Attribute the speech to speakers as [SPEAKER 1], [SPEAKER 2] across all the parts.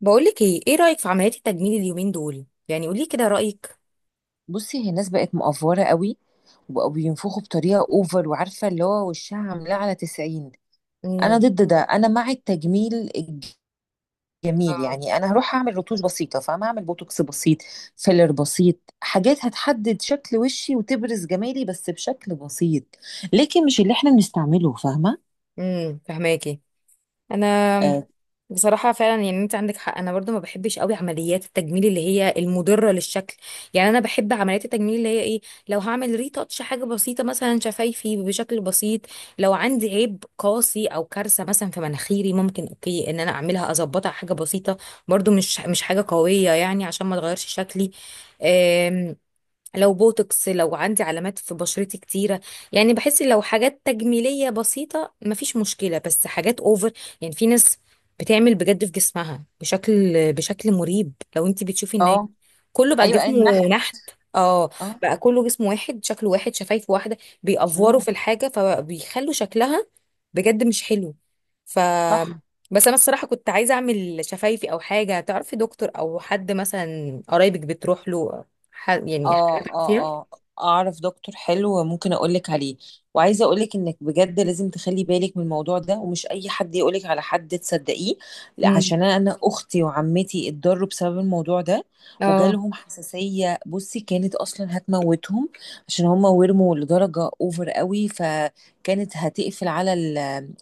[SPEAKER 1] بقولك ايه رأيك في عمليات التجميل اليومين دول؟ يعني قولي كده رأيك.
[SPEAKER 2] بصي هي الناس بقت مقفورة قوي، وبقوا بينفخوا بطريقة اوفر، وعارفة اللي هو وشها عاملاه على 90. انا
[SPEAKER 1] امم.
[SPEAKER 2] ضد ده. انا مع التجميل الجميل،
[SPEAKER 1] اه.
[SPEAKER 2] يعني انا هروح اعمل رتوش بسيطة، فاهمة؟ اعمل بوتوكس بسيط، فيلر بسيط، حاجات هتحدد شكل وشي وتبرز جمالي بس بشكل بسيط. لكن مش اللي احنا بنستعمله، فاهمة؟
[SPEAKER 1] امم. فهماكي. انا
[SPEAKER 2] اه.
[SPEAKER 1] بصراحة فعلا يعني انت عندك حق. انا برضو ما بحبش قوي عمليات التجميل اللي هي المضرة للشكل. يعني انا بحب عمليات التجميل اللي هي ايه؟ لو هعمل ريتاتش حاجة بسيطة مثلا شفايفي بشكل بسيط. لو عندي عيب قاسي او كارثة مثلا في مناخيري، ممكن اوكي ان انا اعملها اظبطها حاجة بسيطة. برضو مش حاجة قوية يعني عشان ما تغيرش شكلي. لو بوتوكس، لو عندي علامات في بشرتي كتيرة. يعني بحس لو حاجات تجميلية بسيطة مفيش مشكلة، بس حاجات اوفر. يعني في ناس بتعمل بجد في جسمها بشكل مريب. لو انت بتشوفي الناس،
[SPEAKER 2] آه.
[SPEAKER 1] كله بقى
[SPEAKER 2] ايوه، اي.
[SPEAKER 1] جسمه نحت. اه.
[SPEAKER 2] اه.
[SPEAKER 1] بقى كله جسم واحد، شكله واحد، شفايف واحدة، بيأفوروا
[SPEAKER 2] مم.
[SPEAKER 1] في الحاجة فبيخلوا شكلها بجد مش حلو. ف
[SPEAKER 2] صح.
[SPEAKER 1] بس انا الصراحة كنت عايزة اعمل شفايفي او حاجة. تعرفي دكتور او حد مثلا قرايبك بتروح له؟ يعني
[SPEAKER 2] اه،
[SPEAKER 1] حاجات فيها.
[SPEAKER 2] اه، اه. اعرف دكتور حلو، ممكن اقولك عليه. وعايزه اقولك انك بجد لازم تخلي بالك من الموضوع ده، ومش اي حد يقولك على حد تصدقيه. لا،
[SPEAKER 1] امم.
[SPEAKER 2] عشان أنا اختي وعمتي اتضروا بسبب الموضوع ده.
[SPEAKER 1] اه.
[SPEAKER 2] وجالهم حساسيه، بصي كانت اصلا هتموتهم. عشان هم ورموا لدرجه اوفر قوي، فكانت هتقفل على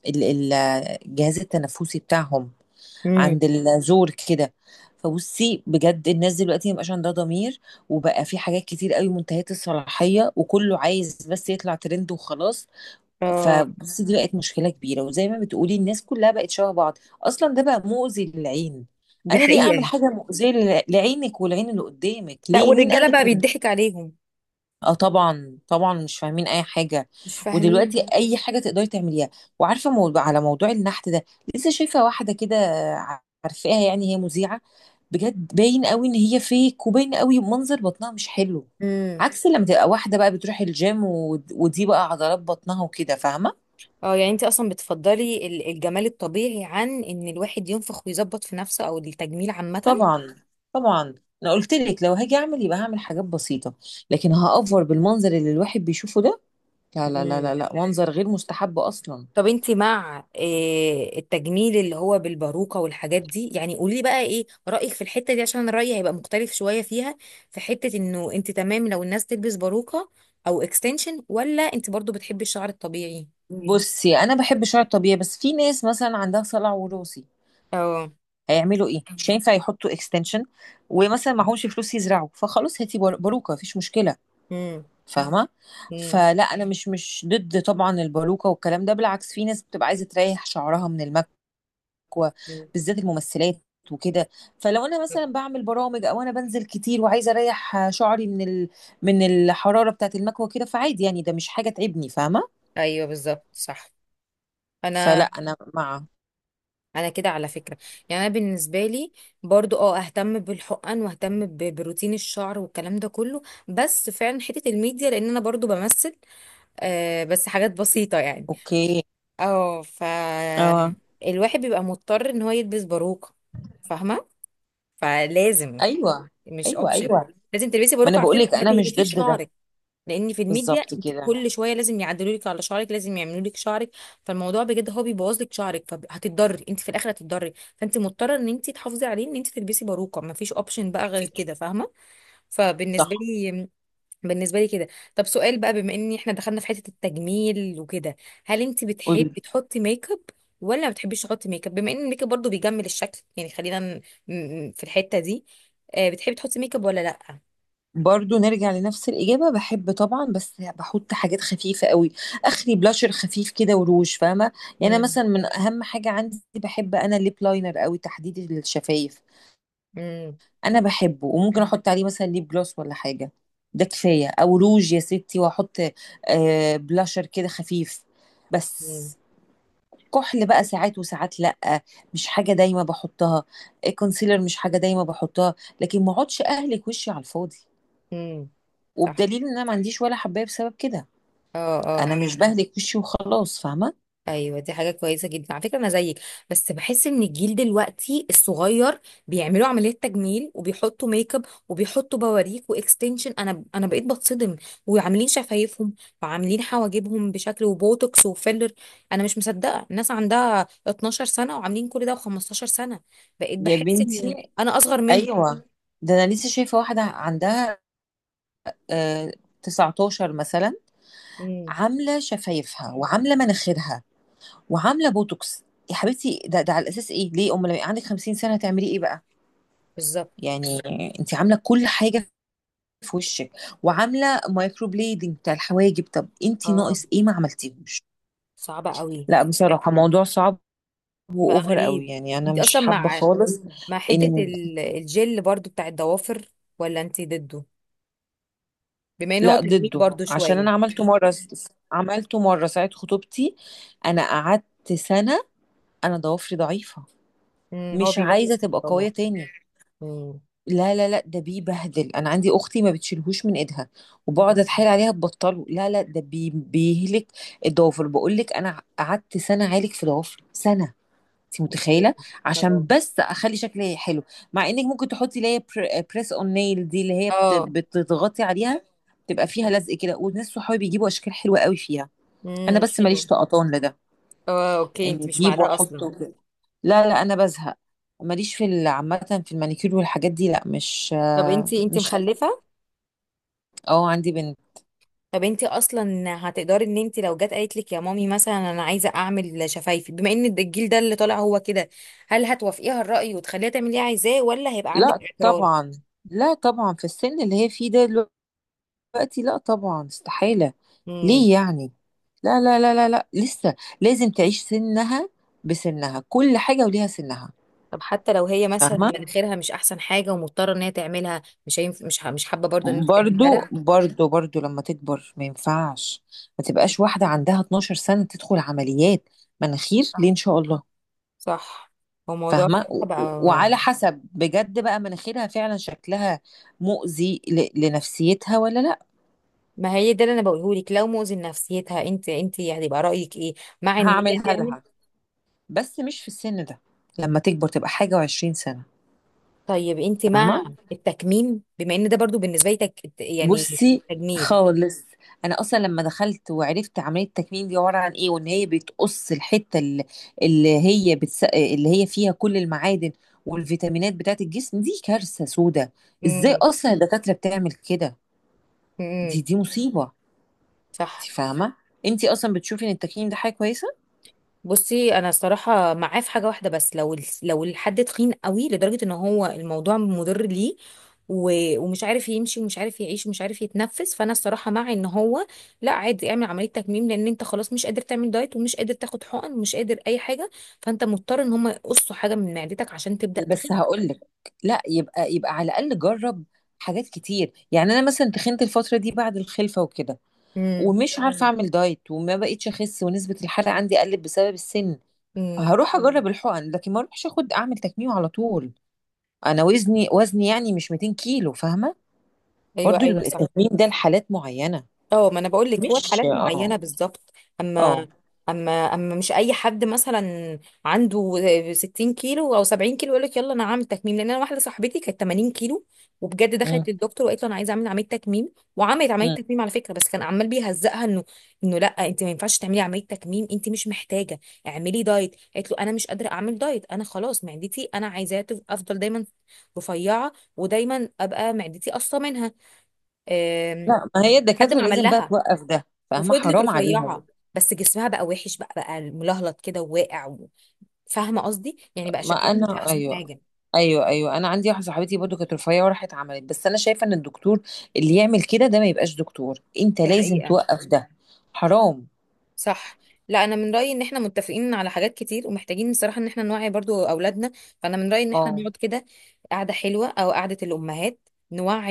[SPEAKER 2] ال- ال- الجهاز التنفسي بتاعهم،
[SPEAKER 1] امم.
[SPEAKER 2] عند الزور كده. فبصي بجد الناس دلوقتي مبقاش عندها ضمير، وبقى في حاجات كتير قوي منتهية الصلاحية، وكله عايز بس يطلع ترند وخلاص.
[SPEAKER 1] اه.
[SPEAKER 2] فبصي دي بقت مشكلة كبيرة، وزي ما بتقولي الناس كلها بقت شبه بعض. اصلا ده بقى مؤذي للعين.
[SPEAKER 1] دي
[SPEAKER 2] انا ليه اعمل
[SPEAKER 1] حقيقة.
[SPEAKER 2] حاجة مؤذية لعينك والعين اللي قدامك؟
[SPEAKER 1] لا،
[SPEAKER 2] ليه؟ مين
[SPEAKER 1] والرجالة بقى
[SPEAKER 2] قالك؟
[SPEAKER 1] بيضحك عليهم.
[SPEAKER 2] اه، طبعا طبعا، مش فاهمين اي حاجه.
[SPEAKER 1] مش فاهمين.
[SPEAKER 2] ودلوقتي اي حاجه تقدري تعمليها. وعارفه موضوع على موضوع النحت ده، لسه شايفه واحده كده، عارفاها، يعني هي مذيعه. بجد باين قوي ان هي فيك، وباين قوي منظر بطنها مش حلو.
[SPEAKER 1] امم.
[SPEAKER 2] عكس لما تبقى واحده بقى بتروح الجيم، و- ودي بقى عضلات بطنها وكده، فاهمه؟
[SPEAKER 1] اه. يعني انت اصلا بتفضلي الجمال الطبيعي عن ان الواحد ينفخ ويظبط في نفسه او التجميل عامة؟
[SPEAKER 2] طبعا، طبعا. انا قلت لك لو هاجي اعمل يبقى هعمل حاجات بسيطه. لكن هافور بالمنظر اللي الواحد بيشوفه ده؟ لا لا لا لا
[SPEAKER 1] امم.
[SPEAKER 2] لا، منظر غير مستحب اصلا.
[SPEAKER 1] طب انت مع التجميل اللي هو بالباروكة والحاجات دي؟ يعني قولي لي بقى ايه رأيك في الحتة دي، عشان رأيي هيبقى مختلف شوية فيها. في حتة انه انت تمام لو الناس تلبس باروكة او اكستنشن، ولا انت برضو بتحبي الشعر الطبيعي؟
[SPEAKER 2] بصي انا بحب شعر طبيعي، بس في ناس مثلا عندها صلع وراثي،
[SPEAKER 1] اه.
[SPEAKER 2] هيعملوا ايه؟ مش هينفع يحطوا اكستنشن، ومثلا معهمش فلوس يزرعوا، فخلاص هاتي باروكه، مفيش مشكله،
[SPEAKER 1] امم.
[SPEAKER 2] فاهمه؟
[SPEAKER 1] امم.
[SPEAKER 2] فلا انا مش ضد طبعا الباروكه والكلام ده، بالعكس، في ناس بتبقى عايزه تريح شعرها من المكوه،
[SPEAKER 1] أمم.
[SPEAKER 2] بالذات الممثلات وكده. فلو انا مثلا بعمل برامج، او انا بنزل كتير وعايزه اريح شعري من الحراره بتاعت المكوه كده، فعادي، يعني ده مش حاجه تعبني، فاهمه؟
[SPEAKER 1] ايوه بالظبط صح.
[SPEAKER 2] فلا
[SPEAKER 1] انا
[SPEAKER 2] انا مع.
[SPEAKER 1] انا كده على فكره. يعني انا بالنسبه لي، برضو اهتم بالحقن واهتم بروتين الشعر والكلام ده كله. بس فعلا حته الميديا لان انا برضو بمثل، بس حاجات بسيطه يعني.
[SPEAKER 2] اوكي.
[SPEAKER 1] اه.
[SPEAKER 2] اه.
[SPEAKER 1] الواحد بيبقى مضطر ان هو يلبس باروكه. فاهمه؟ فلازم.
[SPEAKER 2] ايوه،
[SPEAKER 1] مش
[SPEAKER 2] ايوه،
[SPEAKER 1] اوبشن.
[SPEAKER 2] ايوه،
[SPEAKER 1] لازم تلبسي
[SPEAKER 2] ما انا
[SPEAKER 1] باروكه
[SPEAKER 2] بقول
[SPEAKER 1] عشان
[SPEAKER 2] لك
[SPEAKER 1] ما
[SPEAKER 2] انا مش
[SPEAKER 1] تهلكيش
[SPEAKER 2] ضد ده.
[SPEAKER 1] شعرك. لان في الميديا
[SPEAKER 2] بالظبط
[SPEAKER 1] انت
[SPEAKER 2] كده.
[SPEAKER 1] كل شويه لازم يعدلوا لك على شعرك، لازم يعملوا لك شعرك. فالموضوع بجد هو بيبوظ لك شعرك، فهتتضري، انت في الاخر هتتضري، فانت مضطره ان انت تحافظي عليه، ان انت تلبسي باروكه، ما فيش اوبشن بقى غير كده. فاهمه؟ فبالنسبه
[SPEAKER 2] صح.
[SPEAKER 1] لي، بالنسبه لي كده. طب سؤال بقى، بما ان احنا دخلنا في حته التجميل وكده، هل انت
[SPEAKER 2] قولي.
[SPEAKER 1] بتحبي تحطي ميك اب ولا ما بتحبيش تحطي ميك اب؟ بما ان الميك اب برضه بيجمل الشكل، يعني خلينا في الحته دي. بتحبي تحطي ميك اب ولا لا؟
[SPEAKER 2] برضو نرجع لنفس الإجابة، بحب طبعا، بس بحط حاجات خفيفة قوي، آخري بلاشر خفيف كده وروج، فاهمة؟ يعني أنا
[SPEAKER 1] امم.
[SPEAKER 2] مثلا من أهم حاجة عندي، بحب أنا الليب لاينر قوي، تحديد الشفايف
[SPEAKER 1] امم.
[SPEAKER 2] أنا بحبه. وممكن أحط عليه مثلا ليب جلوس ولا حاجة، ده كفاية. أو روج يا ستي، وأحط آه بلاشر كده خفيف بس. كحل بقى ساعات وساعات، لأ، مش حاجة دايما باحطها. كونسيلر مش حاجة دايما باحطها. لكن ما اقعدش أهلِك وشي على الفاضي،
[SPEAKER 1] امم. صح.
[SPEAKER 2] وبدليل إن أنا ما عنديش ولا حباية بسبب كده،
[SPEAKER 1] اه.
[SPEAKER 2] أنا
[SPEAKER 1] اه.
[SPEAKER 2] مش باهلِك وشي وخلاص، فاهمة؟
[SPEAKER 1] ايوه، دي حاجه كويسه جدا على فكره، انا زيك. بس بحس ان الجيل دلوقتي الصغير بيعملوا عمليات تجميل وبيحطوا ميك اب وبيحطوا بواريك واكستنشن. انا بقيت بتصدم، وعاملين شفايفهم، وعاملين حواجبهم بشكل، وبوتوكس وفيلر. انا مش مصدقه الناس عندها 12 سنه وعاملين كل ده، و15 سنه. بقيت
[SPEAKER 2] يا
[SPEAKER 1] بحس ان
[SPEAKER 2] بنتي،
[SPEAKER 1] انا اصغر منهم.
[SPEAKER 2] أيوه، ده أنا لسه شايفة واحدة عندها آآ 19 مثلًا،
[SPEAKER 1] امم.
[SPEAKER 2] عاملة شفايفها، وعاملة مناخيرها، وعاملة بوتوكس. يا حبيبتي ده على أساس إيه؟ ليه؟ أمّال لمّا يبقى عندِك 50 سنة هتعملي إيه بقى؟
[SPEAKER 1] بالظبط.
[SPEAKER 2] يعني أنتِ عاملة كل حاجة في وشِك، وعاملة microblading بتاع الحواجب، طَب أنتِ
[SPEAKER 1] اه.
[SPEAKER 2] ناقص إيه ما عملتيهوش؟
[SPEAKER 1] صعبه قوي.
[SPEAKER 2] لأ بصراحة موضوع صعب،
[SPEAKER 1] بقى
[SPEAKER 2] وأوفر أوي،
[SPEAKER 1] غريب.
[SPEAKER 2] يعني أنا
[SPEAKER 1] انت
[SPEAKER 2] مش
[SPEAKER 1] اصلا
[SPEAKER 2] حابة
[SPEAKER 1] مع
[SPEAKER 2] خالص.
[SPEAKER 1] مع حتة
[SPEAKER 2] إن
[SPEAKER 1] الجل برضو بتاع الضوافر، ولا انتي ضده؟ بما ان هو
[SPEAKER 2] لأ
[SPEAKER 1] تجميل
[SPEAKER 2] ضده،
[SPEAKER 1] برضو
[SPEAKER 2] عشان
[SPEAKER 1] شوية.
[SPEAKER 2] أنا عملته مرّة ساعة خطوبتي، أنا قعدت سَنة. أنا ضوافري ضعيفة،
[SPEAKER 1] هو
[SPEAKER 2] مش عايزة
[SPEAKER 1] بيبوظ
[SPEAKER 2] تبقى قوية
[SPEAKER 1] الضوافر.
[SPEAKER 2] تاني.
[SPEAKER 1] امم.
[SPEAKER 2] لا، لا، لأ، ده بيبهدل، أنا عندي أختي ما بتشيلهوش من إيدها، وباقعد
[SPEAKER 1] أمم.
[SPEAKER 2] أتحايل عليها تبطّله. لا، لأ ده بيهلك الضوافر، باقول لِك أنا قعدت سَنة أعالج في ضوافري، سَنة. انت
[SPEAKER 1] اوكي.
[SPEAKER 2] متخيله؟ عشان
[SPEAKER 1] اه.
[SPEAKER 2] بس اخلي شكلي حلو. مع انك ممكن تحطي اللي هي بريس اون نيل دي، اللي هي
[SPEAKER 1] اه.
[SPEAKER 2] بتضغطي عليها، تبقى فيها لزق كده، وناس صحابي بيجيبوا اشكال حلوه قوي فيها. انا بس ماليش
[SPEAKER 1] حلو.
[SPEAKER 2] طقطان لده،
[SPEAKER 1] اه، اوكي،
[SPEAKER 2] اني
[SPEAKER 1] انتي مش مع
[SPEAKER 2] اجيب
[SPEAKER 1] ده اصلا.
[SPEAKER 2] واحطه كده. لا لا، انا بزهق، ماليش في عامه في المانيكير والحاجات دي، لا مش
[SPEAKER 1] طب
[SPEAKER 2] آه،
[SPEAKER 1] انتي
[SPEAKER 2] مش
[SPEAKER 1] مخلفة؟
[SPEAKER 2] اه. عندي بنت.
[SPEAKER 1] طب انتي اصلا هتقدري ان انتي لو جت قالت لك يا مامي مثلا انا عايزة اعمل شفايفي، بما ان الجيل ده اللي طالع هو كده، هل هتوافقيها الرأي وتخليها تعمل اللي هي عايزاه، ولا هيبقى عندك
[SPEAKER 2] لا
[SPEAKER 1] اعتراض؟
[SPEAKER 2] طبعا. لا طبعا، في السن اللي هي فيه ده دلوقتي، لا طبعا، استحالة. ليه يعني؟ لا لا لا لا لا، لسه لازم تعيش سنها، بسنها كل حاجة وليها سنها،
[SPEAKER 1] طب حتى لو هي مثلا
[SPEAKER 2] فاهمة؟
[SPEAKER 1] مناخيرها مش احسن حاجه، ومضطره ان هي تعملها، مش هينف... مش ح... مش حابه برضو ان انت تعملها؟
[SPEAKER 2] برضو
[SPEAKER 1] لا.
[SPEAKER 2] برضو برضو لما تكبر ما ينفعش، ما تبقاش واحدة عندها 12 سنة تدخل عمليات مناخير، ليه
[SPEAKER 1] صح.
[SPEAKER 2] إن شاء الله؟
[SPEAKER 1] صح. هو موضوع
[SPEAKER 2] فاهمة؟
[SPEAKER 1] الصحه
[SPEAKER 2] و- و-
[SPEAKER 1] بقى.
[SPEAKER 2] وعلى حسب بجد بقى مناخيرها فعلا شكلها مؤذي لنفسيتها ولا لا.
[SPEAKER 1] ما هي ده اللي انا بقوله لك، لو مؤذي لنفسيتها انت هتبقى رايك ايه؟ مع ان هي
[SPEAKER 2] هعملها
[SPEAKER 1] تعمل.
[SPEAKER 2] لها، بس مش في السن ده، لما تكبر تبقى حاجة وعشرين سنة،
[SPEAKER 1] طيب انت مع
[SPEAKER 2] فاهمة؟
[SPEAKER 1] التكميم؟ بما ان ده برضو بالنسبه لي يعني
[SPEAKER 2] بصي
[SPEAKER 1] تجميل.
[SPEAKER 2] خالص، انا اصلا لما دخلت وعرفت عمليه التكميم دي عباره عن ايه، وان هي بتقص الحته اللي هي اللي هي فيها كل المعادن والفيتامينات بتاعت الجسم، دي كارثه سودة. ازاي
[SPEAKER 1] امم.
[SPEAKER 2] اصلا الدكاتره بتعمل كده؟ دي
[SPEAKER 1] امم.
[SPEAKER 2] دي مصيبه. انت
[SPEAKER 1] صح.
[SPEAKER 2] فاهمه؟ انت اصلا بتشوفي ان التكميم ده حاجه كويسه؟
[SPEAKER 1] بصي، انا الصراحه معاه في حاجه واحده بس، لو لو الحد تخين قوي لدرجه ان هو الموضوع مضر ليه، ومش عارف يمشي ومش عارف يعيش ومش عارف يتنفس، فانا الصراحه مع ان هو لا، عادي اعمل عمليه تكميم، لان انت خلاص مش قادر تعمل دايت ومش قادر تاخد حقن ومش قادر اي حاجه، فانت مضطر ان هم يقصوا حاجه من معدتك عشان تبدا تخف.
[SPEAKER 2] بس هقول لك، لا، يبقى على الاقل جرب حاجات كتير، يعني انا مثلا تخنت الفتره دي بعد الخلفه وكده،
[SPEAKER 1] امم.
[SPEAKER 2] ومش عارفه اعمل دايت، وما بقيتش اخس، ونسبه الحرق عندي قلت بسبب السن،
[SPEAKER 1] امم.
[SPEAKER 2] هروح اجرب الحقن، لكن ما اروحش اخد اعمل تكميم على طول. انا وزني يعني مش 200 كيلو، فاهمه؟
[SPEAKER 1] ايوه،
[SPEAKER 2] برضو
[SPEAKER 1] ايوه، صح.
[SPEAKER 2] التكميم ده لحالات معينه،
[SPEAKER 1] اه، ما انا بقول لك هو
[SPEAKER 2] مش
[SPEAKER 1] الحالات
[SPEAKER 2] اه.
[SPEAKER 1] معينه بالظبط.
[SPEAKER 2] اه.
[SPEAKER 1] اما اما مش اي حد مثلا عنده 60 كيلو او 70 كيلو يقول لك يلا انا هعمل تكميم. لان انا واحده صاحبتي كانت 80 كيلو، وبجد
[SPEAKER 2] مم.
[SPEAKER 1] دخلت للدكتور وقالت له انا عايزه اعمل عمليه تكميم، وعملت عمليه
[SPEAKER 2] مم.
[SPEAKER 1] تكميم على فكره. بس كان عمال بيهزقها انه لا، انت ما ينفعش تعملي عمليه تكميم، انت مش محتاجه، اعملي دايت. قالت له انا مش قادره اعمل دايت، انا خلاص معدتي انا عايزاها افضل دايما رفيعه ودايما ابقى معدتي قصه منها. أم.
[SPEAKER 2] لا، ما هي
[SPEAKER 1] حد
[SPEAKER 2] الدكاتره
[SPEAKER 1] ما عمل
[SPEAKER 2] لازم بقى
[SPEAKER 1] لها،
[SPEAKER 2] توقف ده، فاهمه؟
[SPEAKER 1] وفضلت
[SPEAKER 2] حرام عليهم.
[SPEAKER 1] رفيعة، بس جسمها بقى وحش، بقى ملهلط كده وواقع. فاهمة قصدي؟ يعني بقى
[SPEAKER 2] ما
[SPEAKER 1] شكلها مش
[SPEAKER 2] انا،
[SPEAKER 1] أحسن
[SPEAKER 2] ايوه،
[SPEAKER 1] حاجة.
[SPEAKER 2] ايوه، ايوه، انا عندي واحده صاحبتي برضو كانت رفيعه وراحت عملت، بس انا شايفه ان الدكتور اللي يعمل كده ده ما يبقاش دكتور، انت
[SPEAKER 1] دي
[SPEAKER 2] لازم
[SPEAKER 1] حقيقة.
[SPEAKER 2] توقف ده، حرام.
[SPEAKER 1] صح. لا، انا من رايي ان احنا متفقين على حاجات كتير، ومحتاجين بصراحه ان احنا نوعي برضو اولادنا. فانا من رايي ان احنا
[SPEAKER 2] اه.
[SPEAKER 1] نقعد كده، قعده حلوه او قعده الامهات،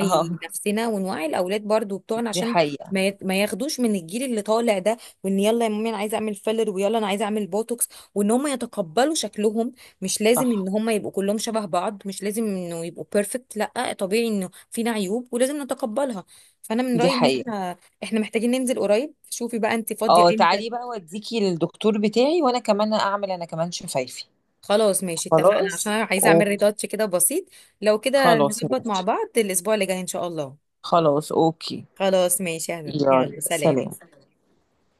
[SPEAKER 2] اه.
[SPEAKER 1] نفسنا ونوعي الاولاد برضو بتوعنا،
[SPEAKER 2] دي
[SPEAKER 1] عشان
[SPEAKER 2] حقيقة.
[SPEAKER 1] ما ياخدوش من الجيل اللي طالع ده. وان يلا يا مامي انا عايزه اعمل فيلر، ويلا انا عايزه اعمل بوتوكس، وان هم يتقبلوا شكلهم. مش لازم ان
[SPEAKER 2] صح.
[SPEAKER 1] هم يبقوا كلهم شبه بعض، مش لازم انه يبقوا بيرفكت. لا، طبيعي انه فينا عيوب ولازم نتقبلها. فانا من
[SPEAKER 2] دي
[SPEAKER 1] رايي ان
[SPEAKER 2] حقيقة.
[SPEAKER 1] احنا محتاجين ننزل قريب. شوفي بقى انت فاضيه
[SPEAKER 2] اه،
[SPEAKER 1] امتى؟
[SPEAKER 2] تعالي بقى، وديكي للدكتور بتاعي، وانا كمان اعمل، انا كمان شفايفي.
[SPEAKER 1] خلاص، ماشي، اتفقنا،
[SPEAKER 2] خلاص.
[SPEAKER 1] عشان أنا عايزة اعمل
[SPEAKER 2] اوكي.
[SPEAKER 1] ريتاتش كده بسيط. لو كده
[SPEAKER 2] خلاص
[SPEAKER 1] نظبط مع
[SPEAKER 2] ماشي.
[SPEAKER 1] بعض الاسبوع اللي جاي ان شاء الله.
[SPEAKER 2] خلاص اوكي.
[SPEAKER 1] خلاص ماشي يا حبيبي، يلا
[SPEAKER 2] يلا
[SPEAKER 1] سلام.
[SPEAKER 2] سلام.